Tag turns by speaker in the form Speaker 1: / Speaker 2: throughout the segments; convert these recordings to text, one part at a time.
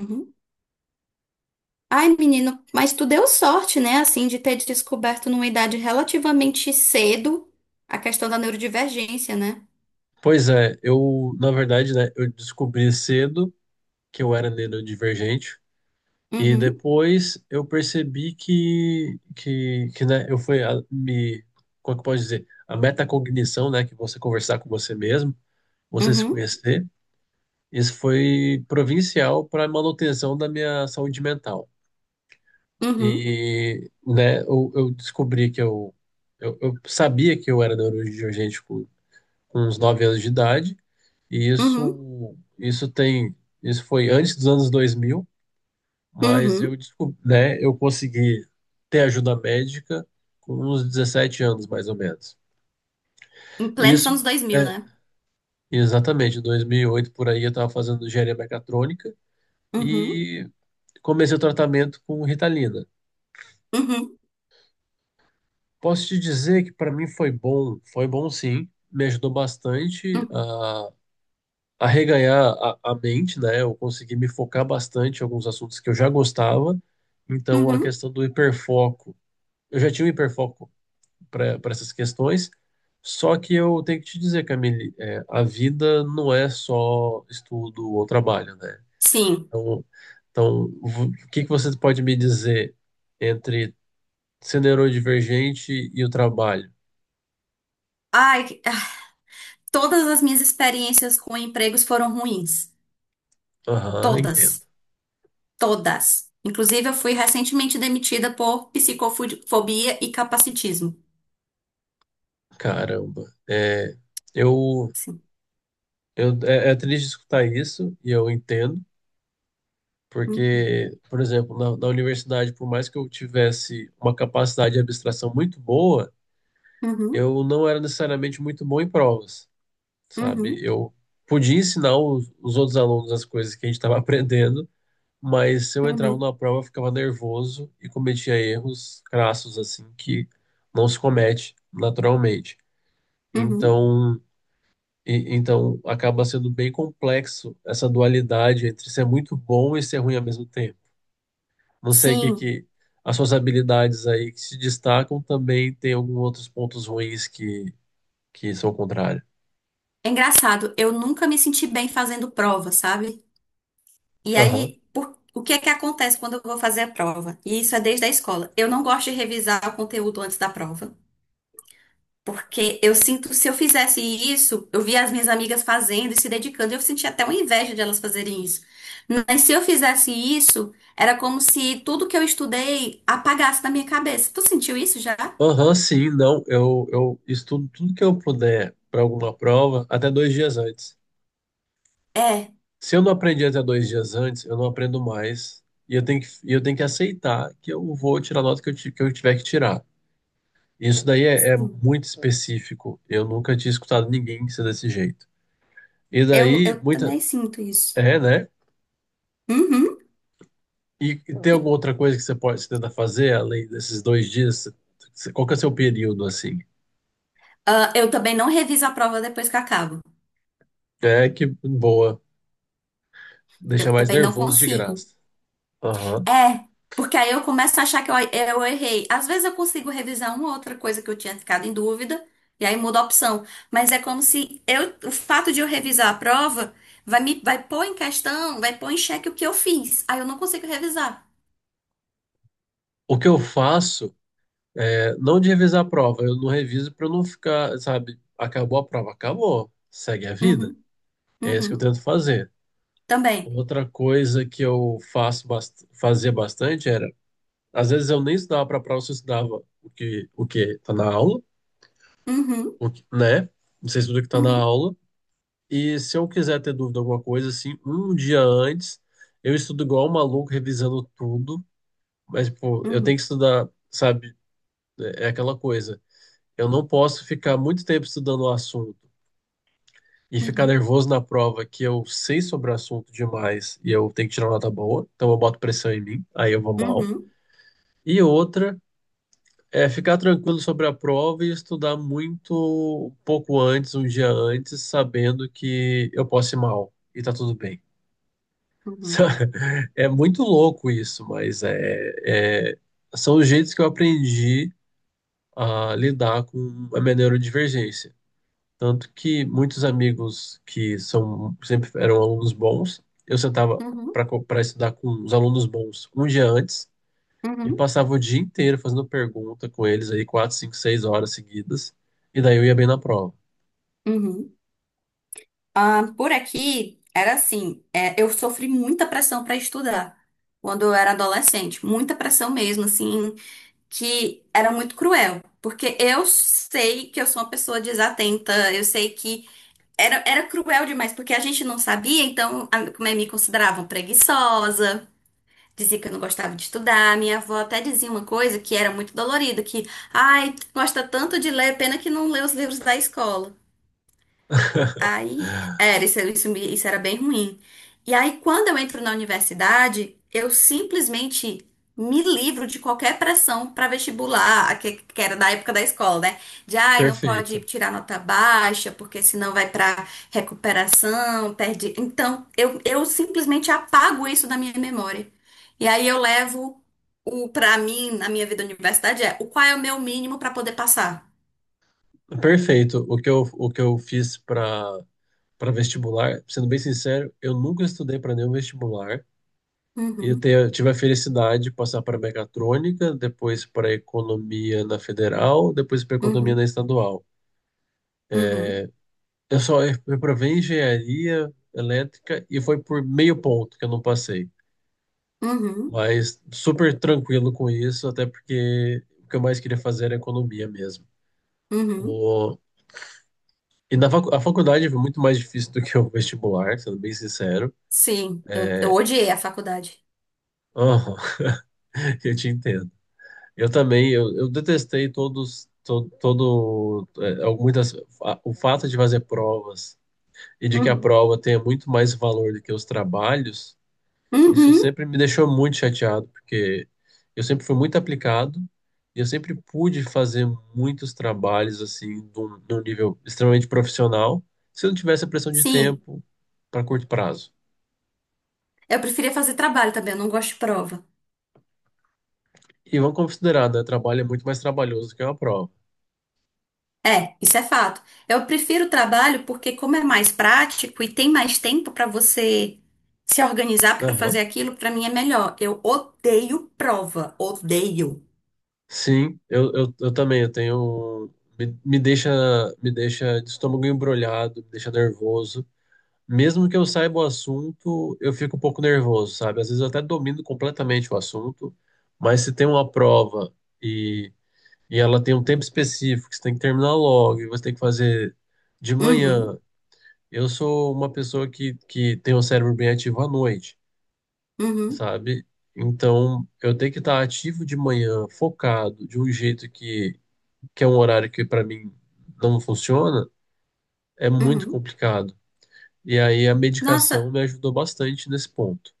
Speaker 1: Uhum. Ai, menino, mas tu deu sorte, né, assim, de ter descoberto numa idade relativamente cedo a questão da neurodivergência, né?
Speaker 2: Pois é, eu, na verdade, né, eu descobri cedo que eu era neurodivergente e
Speaker 1: Uhum,
Speaker 2: depois eu percebi que né, eu fui a- me, como é que pode dizer, a metacognição, né, que você conversar com você mesmo, você se
Speaker 1: uhum,
Speaker 2: conhecer, isso foi provincial para a manutenção da minha saúde mental.
Speaker 1: uhum,
Speaker 2: E, né, eu descobri que eu sabia que eu era neurodivergente com uns 9 anos de idade, e
Speaker 1: uhum,
Speaker 2: isso foi antes dos anos 2000, mas
Speaker 1: uhum.
Speaker 2: eu descobri, né, eu consegui ter ajuda médica com uns 17 anos, mais ou menos.
Speaker 1: Em
Speaker 2: E
Speaker 1: plenos
Speaker 2: isso,
Speaker 1: anos 2000,
Speaker 2: é,
Speaker 1: né?
Speaker 2: exatamente, em 2008 por aí, eu estava fazendo engenharia mecatrônica
Speaker 1: Uhum,
Speaker 2: e comecei o tratamento com Ritalina.
Speaker 1: uhum,
Speaker 2: Posso te dizer que para mim foi bom sim, me ajudou bastante
Speaker 1: uhum,
Speaker 2: a reganhar a mente, né? Eu consegui me focar bastante em alguns assuntos que eu já gostava. Então, a
Speaker 1: uhum.
Speaker 2: questão do hiperfoco. Eu já tinha um hiperfoco para essas questões, só que eu tenho que te dizer, Camille, a vida não é só estudo ou trabalho, né?
Speaker 1: Sim.
Speaker 2: Então, então, o que que você pode me dizer entre ser neurodivergente e o trabalho?
Speaker 1: Ai, todas as minhas experiências com empregos foram ruins.
Speaker 2: Aham, entendo.
Speaker 1: Todas, todas. Inclusive, eu fui recentemente demitida por psicofobia e capacitismo.
Speaker 2: Caramba. É, eu
Speaker 1: Sim.
Speaker 2: Eu, é triste escutar isso, e eu entendo,
Speaker 1: Uhum,
Speaker 2: porque, por exemplo, na universidade, por mais que eu tivesse uma capacidade de abstração muito boa,
Speaker 1: uhum,
Speaker 2: eu não era necessariamente muito bom em provas, sabe?
Speaker 1: uhum,
Speaker 2: Eu podia ensinar os outros alunos as coisas que a gente estava aprendendo, mas se eu entrava
Speaker 1: uhum.
Speaker 2: numa prova, eu ficava nervoso e cometia erros crassos, assim, que não se comete naturalmente.
Speaker 1: Uhum.
Speaker 2: Então. E então acaba sendo bem complexo essa dualidade entre ser muito bom e ser ruim ao mesmo tempo. Não sei o que,
Speaker 1: Sim,
Speaker 2: que as suas habilidades aí que se destacam também tem alguns outros pontos ruins que são o contrário.
Speaker 1: é engraçado. Eu nunca me senti bem fazendo prova, sabe? E aí,
Speaker 2: Aham.
Speaker 1: o que é que acontece quando eu vou fazer a prova? E isso é desde a escola. Eu não gosto de revisar o conteúdo antes da prova, porque eu sinto, se eu fizesse isso, eu via as minhas amigas fazendo e se dedicando, e eu sentia até uma inveja de elas fazerem isso. Mas se eu fizesse isso, era como se tudo que eu estudei apagasse da minha cabeça. Tu sentiu isso já?
Speaker 2: Aham, sim, não. Eu estudo tudo que eu puder para alguma prova até 2 dias antes.
Speaker 1: É,
Speaker 2: Se eu não aprendi até 2 dias antes, eu não aprendo mais. E eu tenho que aceitar que eu vou tirar a nota que que eu tiver que tirar. Isso daí é
Speaker 1: sim.
Speaker 2: muito específico. Eu nunca tinha escutado ninguém ser desse jeito. E
Speaker 1: Eu,
Speaker 2: daí,
Speaker 1: eu
Speaker 2: muita.
Speaker 1: também sinto isso.
Speaker 2: É, né?
Speaker 1: Uhum.
Speaker 2: E tem alguma outra coisa que você pode você tentar fazer além desses 2 dias? Qual que é o seu período, assim?
Speaker 1: Ah, eu também não reviso a prova depois que acabo.
Speaker 2: É que boa. Deixa
Speaker 1: Eu
Speaker 2: mais
Speaker 1: também não
Speaker 2: nervoso de
Speaker 1: consigo.
Speaker 2: graça. Aham.
Speaker 1: É, porque aí eu começo a achar que eu errei. Às vezes eu consigo revisar uma outra coisa que eu tinha ficado em dúvida, e aí muda a opção. Mas é como se eu, o fato de eu revisar a prova vai me, vai pôr em questão, vai pôr em xeque o que eu fiz. Aí eu não consigo revisar.
Speaker 2: O que eu faço é não de revisar a prova. Eu não reviso para não ficar, sabe? Acabou a prova, acabou. Segue a vida.
Speaker 1: Uhum,
Speaker 2: É isso que eu
Speaker 1: uhum,
Speaker 2: tento fazer.
Speaker 1: também.
Speaker 2: Outra coisa que eu faço fazia bastante era, às vezes eu nem estudava para a prova, eu estudava o que tá na aula,
Speaker 1: Uhum,
Speaker 2: o que, né? Você estuda o que tá na
Speaker 1: uhum,
Speaker 2: aula. E se eu quiser ter dúvida de alguma coisa assim, um dia antes, eu estudo igual um maluco revisando tudo, mas tipo, eu tenho
Speaker 1: uhum,
Speaker 2: que estudar, sabe? É aquela coisa. Eu não posso ficar muito tempo estudando o assunto e ficar
Speaker 1: uhum,
Speaker 2: nervoso na prova que eu sei sobre o assunto demais e eu tenho que tirar uma nota boa, então eu boto pressão em mim, aí eu vou mal.
Speaker 1: uhum,
Speaker 2: E outra é ficar tranquilo sobre a prova e estudar muito um pouco antes, um dia antes, sabendo que eu posso ir mal e tá tudo bem.
Speaker 1: uhum,
Speaker 2: Sabe? É muito louco isso, mas são os jeitos que eu aprendi a lidar com a minha neurodivergência. Tanto que muitos amigos que são sempre eram alunos bons, eu sentava
Speaker 1: uhum, uhum,
Speaker 2: para estudar com os alunos bons um dia antes. E
Speaker 1: uhum,
Speaker 2: passava o dia inteiro fazendo pergunta com eles aí, 4, 5, 6 horas seguidas. E daí eu ia bem na prova.
Speaker 1: uhum. Ah, por aqui era assim, é, eu sofri muita pressão para estudar quando eu era adolescente, muita pressão mesmo, assim, que era muito cruel, porque eu sei que eu sou uma pessoa desatenta, eu sei que era, era cruel demais, porque a gente não sabia, então a, como é, me consideravam preguiçosa. Dizia que eu não gostava de estudar. Minha avó até dizia uma coisa que era muito dolorida, que, ai, gosta tanto de ler, pena que não lê os livros da escola. Aí, era, isso, isso era bem ruim. E aí, quando eu entro na universidade, eu simplesmente me livro de qualquer pressão para vestibular, a que era da época da escola, né? De, ai, não pode
Speaker 2: Perfeito.
Speaker 1: tirar nota baixa, porque senão vai para recuperação, perde. Então, eu simplesmente apago isso da minha memória. E aí, eu levo o, para mim, na minha vida universidade, é o qual é o meu mínimo para poder passar.
Speaker 2: Perfeito. O que eu fiz para vestibular, sendo bem sincero, eu nunca estudei para nenhum vestibular. E eu
Speaker 1: Uhum,
Speaker 2: tive a felicidade de passar para mecatrônica, depois para economia na federal, depois para economia na
Speaker 1: uhum,
Speaker 2: estadual.
Speaker 1: uhum,
Speaker 2: Eu só reprovei em engenharia elétrica e foi por meio ponto que eu não passei.
Speaker 1: uhum,
Speaker 2: Mas super tranquilo com isso, até porque o que eu mais queria fazer era economia mesmo.
Speaker 1: uhum.
Speaker 2: O... E a faculdade foi muito mais difícil do que o vestibular, sendo bem sincero.
Speaker 1: Sim, eu odiei a faculdade.
Speaker 2: Aham, eu te entendo. Eu também, eu detestei todos, todo, muitas, o fato de fazer provas e de que a
Speaker 1: Uhum.
Speaker 2: prova tenha muito mais valor do que os trabalhos. Isso
Speaker 1: Uhum,
Speaker 2: sempre me deixou muito chateado, porque eu sempre fui muito aplicado e eu sempre pude fazer muitos trabalhos assim, de um nível extremamente profissional, se eu não tivesse a pressão de
Speaker 1: sim.
Speaker 2: tempo para curto prazo.
Speaker 1: Eu preferia fazer trabalho também, eu não gosto de prova.
Speaker 2: E vamos considerar, né? Trabalho é muito mais trabalhoso do que uma prova.
Speaker 1: É, isso é fato. Eu prefiro o trabalho porque, como é mais prático e tem mais tempo pra você se organizar pra fazer
Speaker 2: Aham.
Speaker 1: aquilo, pra mim é melhor. Eu odeio prova, odeio.
Speaker 2: Sim, eu também, eu tenho. Me, me deixa, me deixa de estômago embrulhado, me deixa nervoso. Mesmo que eu saiba o assunto, eu fico um pouco nervoso, sabe? Às vezes eu até domino completamente o assunto, mas se tem uma prova e, e ela tem um tempo específico, que você tem que terminar logo, e você tem que fazer de
Speaker 1: Uhum,
Speaker 2: manhã. Eu sou uma pessoa que tem o cérebro bem ativo à noite,
Speaker 1: uhum,
Speaker 2: sabe? Então, eu tenho que estar ativo de manhã, focado, de um jeito que é um horário que para mim não funciona, é muito
Speaker 1: uhum.
Speaker 2: complicado. E aí a medicação
Speaker 1: Nossa,
Speaker 2: me ajudou bastante nesse ponto.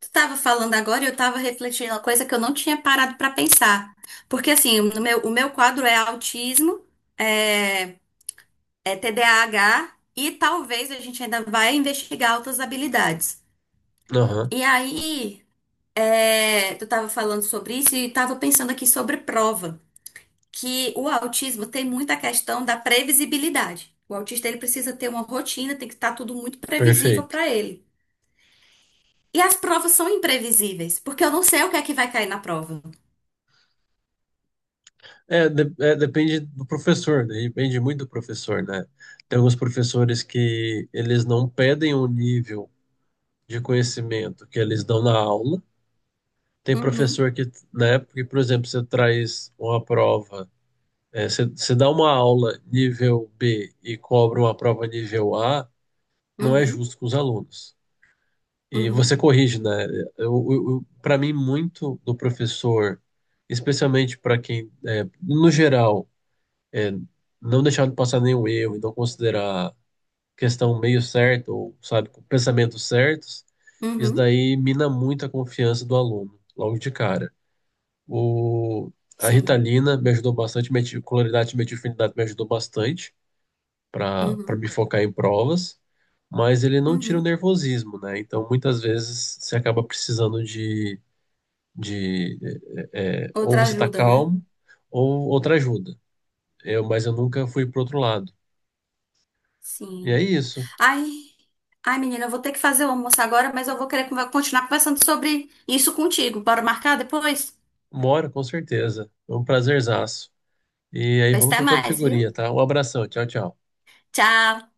Speaker 1: tu tava falando agora e eu tava refletindo uma coisa que eu não tinha parado pra pensar. Porque, assim, no meu, o meu quadro é autismo. É, é TDAH e talvez a gente ainda vai investigar outras habilidades.
Speaker 2: Aham,
Speaker 1: E aí, é, tu estava falando sobre isso e estava pensando aqui sobre prova, que o autismo tem muita questão da previsibilidade. O autista ele precisa ter uma rotina, tem que estar tudo muito previsível
Speaker 2: perfeito.
Speaker 1: para ele. E as provas são imprevisíveis, porque eu não sei o que é que vai cair na prova.
Speaker 2: É, depende do professor, né? Depende muito do professor, né? Tem alguns professores que eles não pedem um nível de conhecimento que eles dão na aula. Tem
Speaker 1: Uhum,
Speaker 2: professor que, né, porque, por exemplo, você traz uma prova, você dá uma aula nível B e cobra uma prova nível A, não é
Speaker 1: uhum,
Speaker 2: justo com os alunos. E você
Speaker 1: uhum,
Speaker 2: corrige, né? Para mim, muito do professor, especialmente para quem, no geral, é, não deixar de passar nenhum erro e não considerar questão meio certa ou, sabe, com pensamentos certos, isso
Speaker 1: uhum,
Speaker 2: daí mina muito a confiança do aluno, logo de cara. O, a
Speaker 1: sim,
Speaker 2: Ritalina me ajudou bastante, cloridato de metilfenidato me ajudou bastante para
Speaker 1: uhum,
Speaker 2: me focar em provas, mas ele não tira o
Speaker 1: uhum.
Speaker 2: nervosismo, né? Então, muitas vezes, você acaba precisando de ou
Speaker 1: Outra
Speaker 2: você tá
Speaker 1: ajuda, né?
Speaker 2: calmo, ou outra ajuda. Mas eu nunca fui pro outro lado. E é
Speaker 1: Sim.
Speaker 2: isso.
Speaker 1: Ai. Ai, menina, eu vou ter que fazer o almoço agora, mas eu vou querer continuar conversando sobre isso contigo. Bora marcar depois?
Speaker 2: Mora, com certeza. Foi um prazerzaço. E aí,
Speaker 1: Pois
Speaker 2: vamos
Speaker 1: até
Speaker 2: trocando
Speaker 1: mais, viu?
Speaker 2: figurinha, tá? Um abração. Tchau, tchau.
Speaker 1: Tchau!